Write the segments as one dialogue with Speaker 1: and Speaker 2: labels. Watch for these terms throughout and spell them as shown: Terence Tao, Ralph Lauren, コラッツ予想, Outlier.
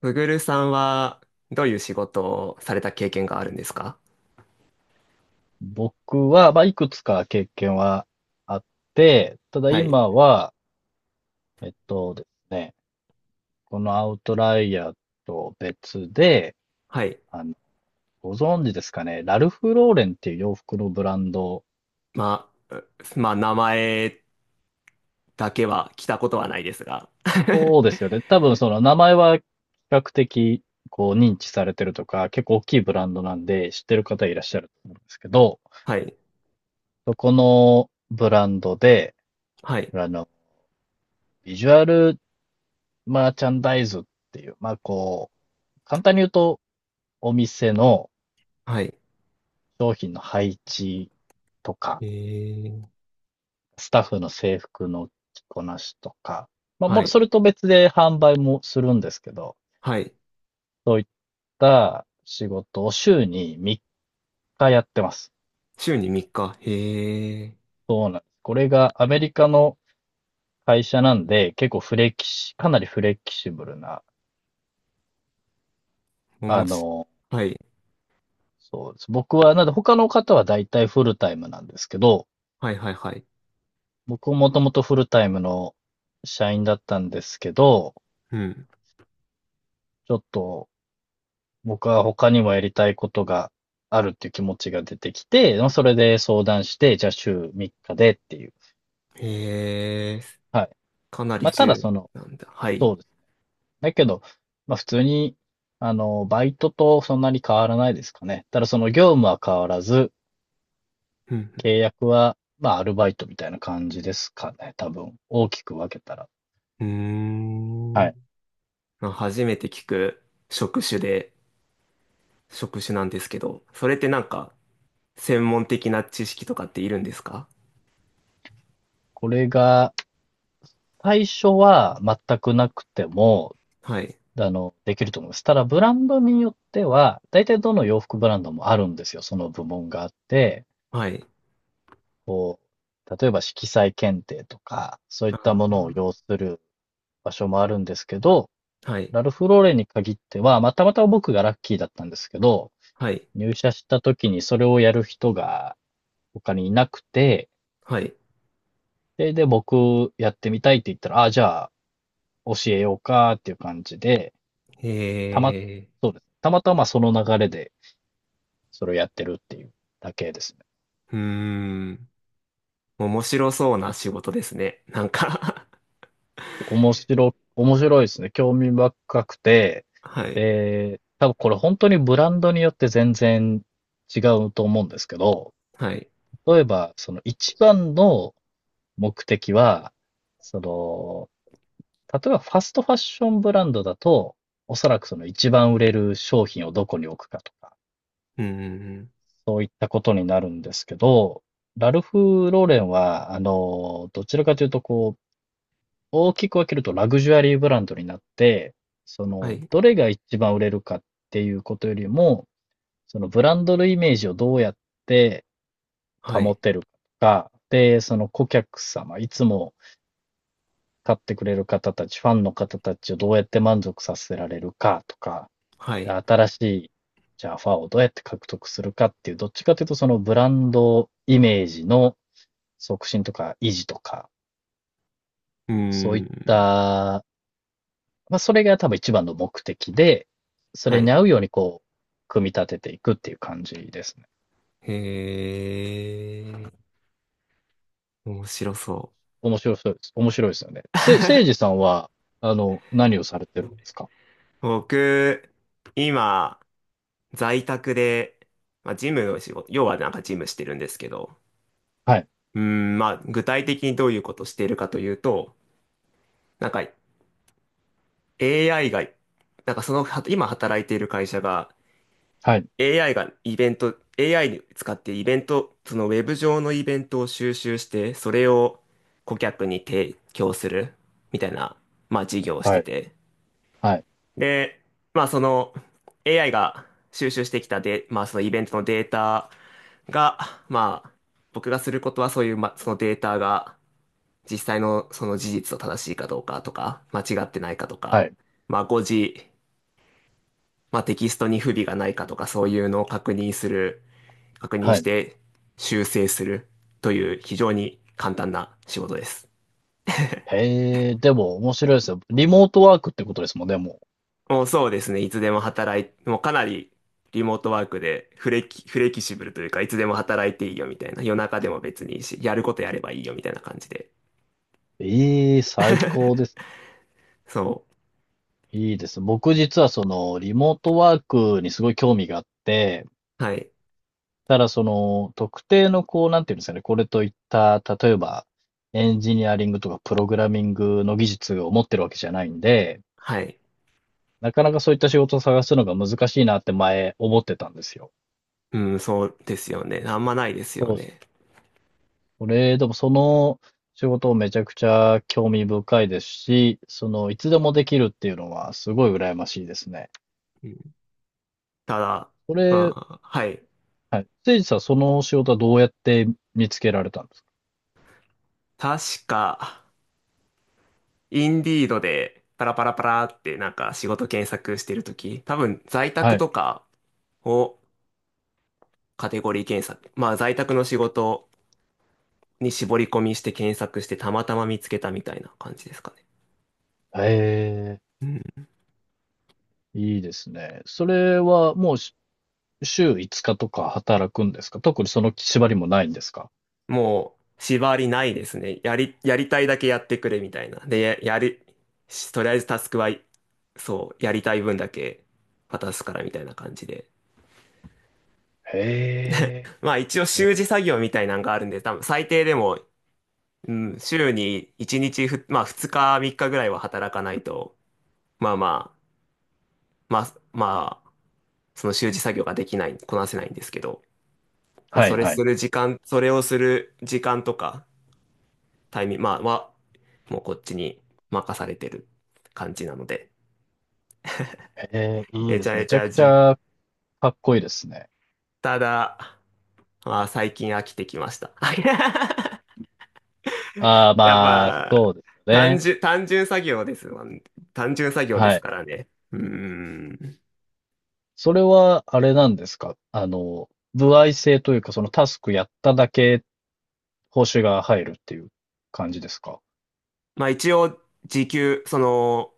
Speaker 1: ブグルさんは、どういう仕事をされた経験があるんですか？
Speaker 2: 僕は、まあ、いくつか経験はあって、ただ
Speaker 1: はい。
Speaker 2: 今は、えっとですね、このアウトライヤーと別で、
Speaker 1: はい。
Speaker 2: あの、ご存知ですかね、ラルフ・ローレンっていう洋服のブランド、
Speaker 1: まあ、まあ、名前だけは来たことはないですが。
Speaker 2: そうですよね。多分その名前は比較的こう認知されてるとか、結構大きいブランドなんで知ってる方いらっしゃると思うんですけど、
Speaker 1: はい。
Speaker 2: そこのブランドで、
Speaker 1: はい。
Speaker 2: あの、ビジュアルマーチャンダイズっていう、まあこう、簡単に言うとお店の
Speaker 1: はい。
Speaker 2: 商品の配置とか、
Speaker 1: えー、
Speaker 2: スタッフの制服の着こなしとか、まあ、も
Speaker 1: は
Speaker 2: う
Speaker 1: い。
Speaker 2: それと別で販売もするんですけど、
Speaker 1: はい。
Speaker 2: そういった仕事を週に3日やってます。
Speaker 1: 週に3日。へえ。
Speaker 2: そうなんです。これがアメリカの会社なんで、結構フレキシ、かなりフレキシブルな、
Speaker 1: お
Speaker 2: あ
Speaker 1: もし、
Speaker 2: の、
Speaker 1: はい。
Speaker 2: そうです。僕は、なんで他の方は大体フルタイムなんですけど、
Speaker 1: はい、はい、はい。
Speaker 2: 僕ももともとフルタイムの社員だったんですけど、
Speaker 1: うん。
Speaker 2: ちょっと僕は他にもやりたいことがあるっていう気持ちが出てきて、まあそれで相談して、じゃあ週3日でっていう。
Speaker 1: へえ。
Speaker 2: はい。
Speaker 1: かなり
Speaker 2: まあただそ
Speaker 1: 重
Speaker 2: の、
Speaker 1: なんだ。はい。
Speaker 2: そうです。だけど、まあ普通に、バイトとそんなに変わらないですかね。ただその業務は変わらず、
Speaker 1: うん、
Speaker 2: 契約は、まあアルバイトみたいな感じですかね。多分、大きく分けたら。
Speaker 1: うん。
Speaker 2: は
Speaker 1: うー
Speaker 2: い。
Speaker 1: ん。まあ初めて聞く職種で、職種なんですけど、それってなんか、専門的な知識とかっているんですか？
Speaker 2: これが、最初は全くなくても、
Speaker 1: はい。
Speaker 2: できると思います。ただ、ブランドによっては、大体どの洋服ブランドもあるんですよ。その部門があって、
Speaker 1: はい。
Speaker 2: こう、例えば色彩検定とか、そうい
Speaker 1: あ
Speaker 2: ったものを
Speaker 1: ー、
Speaker 2: 要する場所もあるんですけど、
Speaker 1: はい。
Speaker 2: ラルフローレンに限っては、まあたまたま僕がラッキーだったんですけど、
Speaker 1: はい。
Speaker 2: 入社した時にそれをやる人が他にいなくて、
Speaker 1: はい。
Speaker 2: それで、僕やってみたいって言ったら、ああ、じゃあ教えようかっていう感じで、たま、
Speaker 1: え
Speaker 2: そうです。たまたまその流れでそれをやってるっていうだけですね。
Speaker 1: うーん。面白そうな仕事ですね。なんか。
Speaker 2: 面白いですね。興味深くて、
Speaker 1: はい。
Speaker 2: で、多分これ本当にブランドによって全然違うと思うんですけど、
Speaker 1: はい。
Speaker 2: 例えば、その一番の目的は、その、例えばファストファッションブランドだと、おそらくその一番売れる商品をどこに置くかとか、
Speaker 1: うーん。
Speaker 2: そういったことになるんですけど、ラルフ・ローレンは、どちらかというと、こう、大きく分けるとラグジュアリーブランドになって、そ
Speaker 1: は
Speaker 2: の、
Speaker 1: い。
Speaker 2: どれが一番売れるかっていうことよりも、そのブランドのイメージをどうやって
Speaker 1: は
Speaker 2: 保
Speaker 1: い。
Speaker 2: てるかで、その顧客様、いつも買ってくれる方たち、ファンの方たちをどうやって満足させられるかとか、
Speaker 1: は
Speaker 2: で
Speaker 1: い。
Speaker 2: 新しい、じゃあファンをどうやって獲得するかっていう、どっちかというとそのブランドイメージの促進とか維持とか、
Speaker 1: う
Speaker 2: そうい
Speaker 1: ー
Speaker 2: っ
Speaker 1: ん。
Speaker 2: たまあ、それが多分一番の目的で、そ
Speaker 1: は
Speaker 2: れに
Speaker 1: い。
Speaker 2: 合うようにこう、組み立てていくっていう感じですね。
Speaker 1: へー。面白そ
Speaker 2: 面白そうです。面白いですよね。せいじさんは、何をされてるんですか？
Speaker 1: う。僕、今、在宅で、まあ、ジムの仕事、要はなんかジムしてるんですけど、
Speaker 2: はい、
Speaker 1: まあ、具体的にどういうことをしているかというと、なんか AI が、なんかその、は今働いている会社が
Speaker 2: はい、
Speaker 1: AI がイベント、AI に使ってイベント、そのウェブ上のイベントを収集して、それを顧客に提供するみたいな、まあ事業をし
Speaker 2: は
Speaker 1: て
Speaker 2: い、
Speaker 1: て。
Speaker 2: はい、
Speaker 1: で、まあその AI が収集してきたで、まあそのイベントのデータが、まあ僕がすることはそういう、まあそのデータが、実際のその事実と正しいかどうかとか、間違ってないかと
Speaker 2: は
Speaker 1: か、
Speaker 2: い、
Speaker 1: まあ誤字、まあテキストに不備がないかとか、そういうのを確認する、確認
Speaker 2: は
Speaker 1: し
Speaker 2: い。
Speaker 1: て修正するという非常に簡単な仕事です。
Speaker 2: へえ、でも面白いですよ。リモートワークってことですもんね、もう。
Speaker 1: もうそうですね、いつでも働い、もうかなりリモートワークでフレキシブルというか、いつでも働いていいよみたいな、夜中でも別にいいし、やることやればいいよみたいな感じで。
Speaker 2: ええ、最高です。
Speaker 1: そ
Speaker 2: いいです。僕実はその、リモートワークにすごい興味があって、
Speaker 1: う。はい。
Speaker 2: ただその、特定のこう、なんていうんですかね、これといった、例えば、エンジニアリングとかプログラミングの技術を持ってるわけじゃないんで、
Speaker 1: はい。
Speaker 2: なかなかそういった仕事を探すのが難しいなって前思ってたんですよ。
Speaker 1: うん、そうですよね。あんまないですよ
Speaker 2: そうですね。
Speaker 1: ね。
Speaker 2: これ、でもその仕事めちゃくちゃ興味深いですし、その、いつでもできるっていうのはすごい羨ましいですね。
Speaker 1: ただ、
Speaker 2: こ
Speaker 1: う
Speaker 2: れ、
Speaker 1: ん、はい。
Speaker 2: はい。せいじさん、その仕事はどうやって見つけられたんです
Speaker 1: 確か、インディードでパラパラパラってなんか仕事検索してるとき、多分在
Speaker 2: か？は
Speaker 1: 宅
Speaker 2: い。
Speaker 1: とかをカテゴリー検索、まあ在宅の仕事に絞り込みして検索してたまたま見つけたみたいな感じですかね。
Speaker 2: へえ、
Speaker 1: うん、
Speaker 2: いいですね。それはもう週5日とか働くんですか？特にその縛りもないんですか？
Speaker 1: もう縛りないですね。やりたいだけやってくれみたいな。で、や、やり、しとりあえずタスクは、そう、やりたい分だけ渡すからみたいな感じで。
Speaker 2: へえ。
Speaker 1: まあ一応
Speaker 2: ね、
Speaker 1: 習字作業みたいなんがあるんで、多分最低でも、うん、週に1日、まあ2日3日ぐらいは働かないと、まあまあ、その習字作業ができない、こなせないんですけど、まあ
Speaker 2: はい
Speaker 1: それ
Speaker 2: はい。
Speaker 1: する時間、それをする時間とか、タイミング、まあは、もうこっちに任されてる感じなので、
Speaker 2: へえ、いい
Speaker 1: め
Speaker 2: で
Speaker 1: ちゃ
Speaker 2: す。
Speaker 1: め
Speaker 2: めち
Speaker 1: ち
Speaker 2: ゃ
Speaker 1: ゃ
Speaker 2: くち
Speaker 1: じ、
Speaker 2: ゃかっこいいですね。
Speaker 1: ただ、まあ最近飽きてきました。
Speaker 2: ああ、
Speaker 1: やっ
Speaker 2: まあ、
Speaker 1: ぱ、
Speaker 2: そうですよね。
Speaker 1: 単純作業ですわ。単純作業で
Speaker 2: は
Speaker 1: す
Speaker 2: い。
Speaker 1: からね。うーん。
Speaker 2: それは、あれなんですか？歩合制というか、そのタスクやっただけ報酬が入るっていう感じですか？
Speaker 1: まあ一応、その、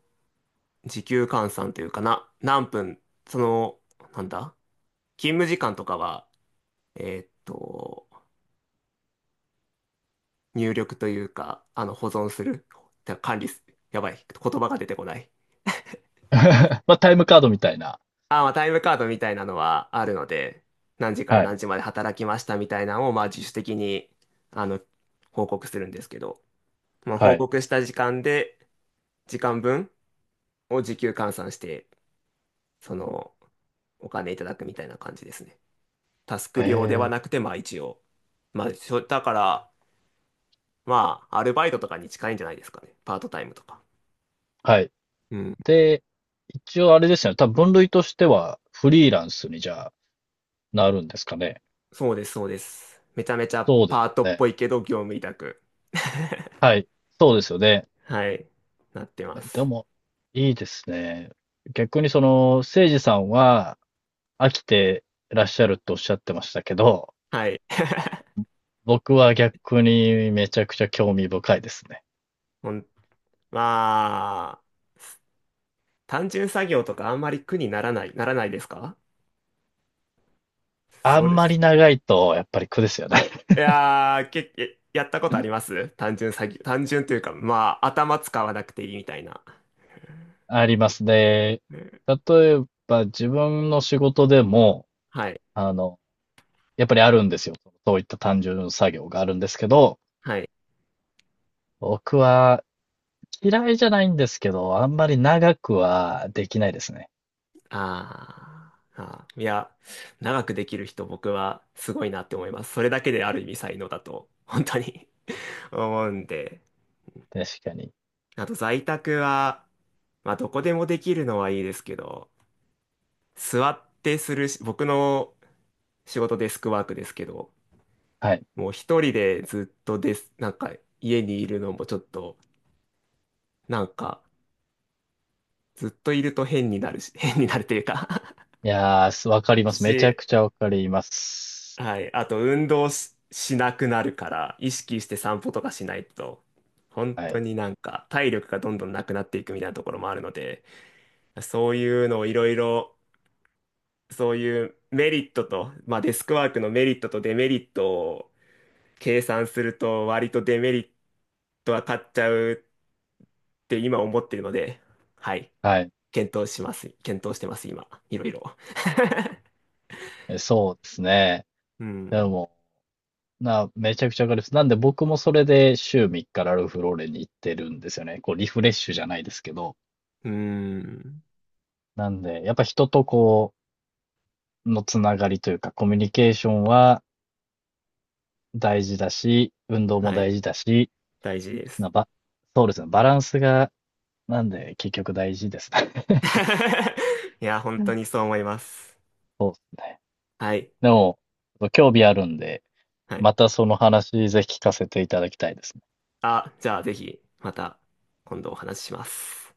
Speaker 1: 時給換算というかな、何分、その、なんだ、勤務時間とかは、えーっと、入力というか、あの、保存する、てか管理す、やばい、言葉が出てこない。
Speaker 2: まあ、タイムカードみたいな。
Speaker 1: あ、まあタイムカードみたいなのはあるので、何時から
Speaker 2: はい。
Speaker 1: 何時まで働きましたみたいなのを、まあ自主的に、あの、報告するんですけど、まあ、
Speaker 2: は
Speaker 1: 報
Speaker 2: い。
Speaker 1: 告した時間で、時間分を時給換算して、その、お金いただくみたいな感じですね。タス
Speaker 2: へ
Speaker 1: ク料ではな
Speaker 2: え
Speaker 1: くて、まあ一応。まあ、しょだから、まあ、アルバイトとかに近いんじゃないですかね。パートタイムとか。
Speaker 2: ー。はい。
Speaker 1: うん。
Speaker 2: で、一応あれですよね。多分分類としては、フリーランスにじゃあ、なるんですかね。
Speaker 1: そうです、そうです。めちゃめちゃ
Speaker 2: そうです
Speaker 1: パート
Speaker 2: よ
Speaker 1: っ
Speaker 2: ね。
Speaker 1: ぽいけど、業務委託。
Speaker 2: はい。そうですよね。
Speaker 1: はい。なってま
Speaker 2: で
Speaker 1: す。
Speaker 2: も、いいですね。逆にその、せいじさんは飽きてらっしゃるとおっしゃってましたけど、
Speaker 1: はい。
Speaker 2: 僕は逆にめちゃくちゃ興味深いですね。
Speaker 1: ほん、まあ、単純作業とかあんまり苦にならない、ならないですか？
Speaker 2: あ
Speaker 1: そう
Speaker 2: ん
Speaker 1: で
Speaker 2: ま
Speaker 1: す。
Speaker 2: り長いとやっぱり苦ですよね。
Speaker 1: いやー、やったことあります単純詐欺。単純というか、まあ、頭使わなくていいみたいな。
Speaker 2: ありますね。
Speaker 1: うん、
Speaker 2: 例えば自分の仕事でも、
Speaker 1: はい。
Speaker 2: あの、やっぱりあるんですよ。そういった単純作業があるんですけど、
Speaker 1: はい。
Speaker 2: 僕は嫌いじゃないんですけど、あんまり長くはできないですね。
Speaker 1: あーあー。いや、長くできる人、僕はすごいなって思います。それだけである意味才能だと、本当に 思うんで。
Speaker 2: 確かに。
Speaker 1: あと、在宅は、まあ、どこでもできるのはいいですけど、座ってするし、僕の仕事デスクワークですけど、
Speaker 2: はい。
Speaker 1: もう一人でずっとです、なんか家にいるのもちょっとなんか、ずっといると変になるし、変になるというか
Speaker 2: いやー、わかり ます。めちゃ
Speaker 1: し、
Speaker 2: くちゃわかります。
Speaker 1: はい。あと、運動し、しなくなるから、意識して散歩とかしないと、本
Speaker 2: は
Speaker 1: 当
Speaker 2: い。
Speaker 1: になんか、体力がどんどんなくなっていくみたいなところもあるので、そういうのをいろいろ、そういうメリットと、まあ、デスクワークのメリットとデメリットを計算すると割とデメリットは勝っちゃうって今思ってるので、はい。
Speaker 2: はい。
Speaker 1: 検討します。検討してます、今。いろいろ。
Speaker 2: えそうですね。
Speaker 1: う
Speaker 2: で
Speaker 1: ん。
Speaker 2: も、めちゃくちゃわかります。なんで僕もそれで週3日ラルフローレンに行ってるんですよね。こう、リフレッシュじゃないですけど。
Speaker 1: うん。
Speaker 2: なんで、やっぱ人とのつながりというか、コミュニケーションは大事だし、運動も
Speaker 1: はい。
Speaker 2: 大事だし、
Speaker 1: 大事です。
Speaker 2: なば、そうですね。バランスが、なんで、結局大事ですね。
Speaker 1: いや、本
Speaker 2: う
Speaker 1: 当
Speaker 2: ん。
Speaker 1: にそう思います。
Speaker 2: そうですね。
Speaker 1: はい。
Speaker 2: でも、興味あるんで、
Speaker 1: はい。
Speaker 2: またその話ぜひ聞かせていただきたいですね。
Speaker 1: あ、じゃあぜひ、また今度お話しします。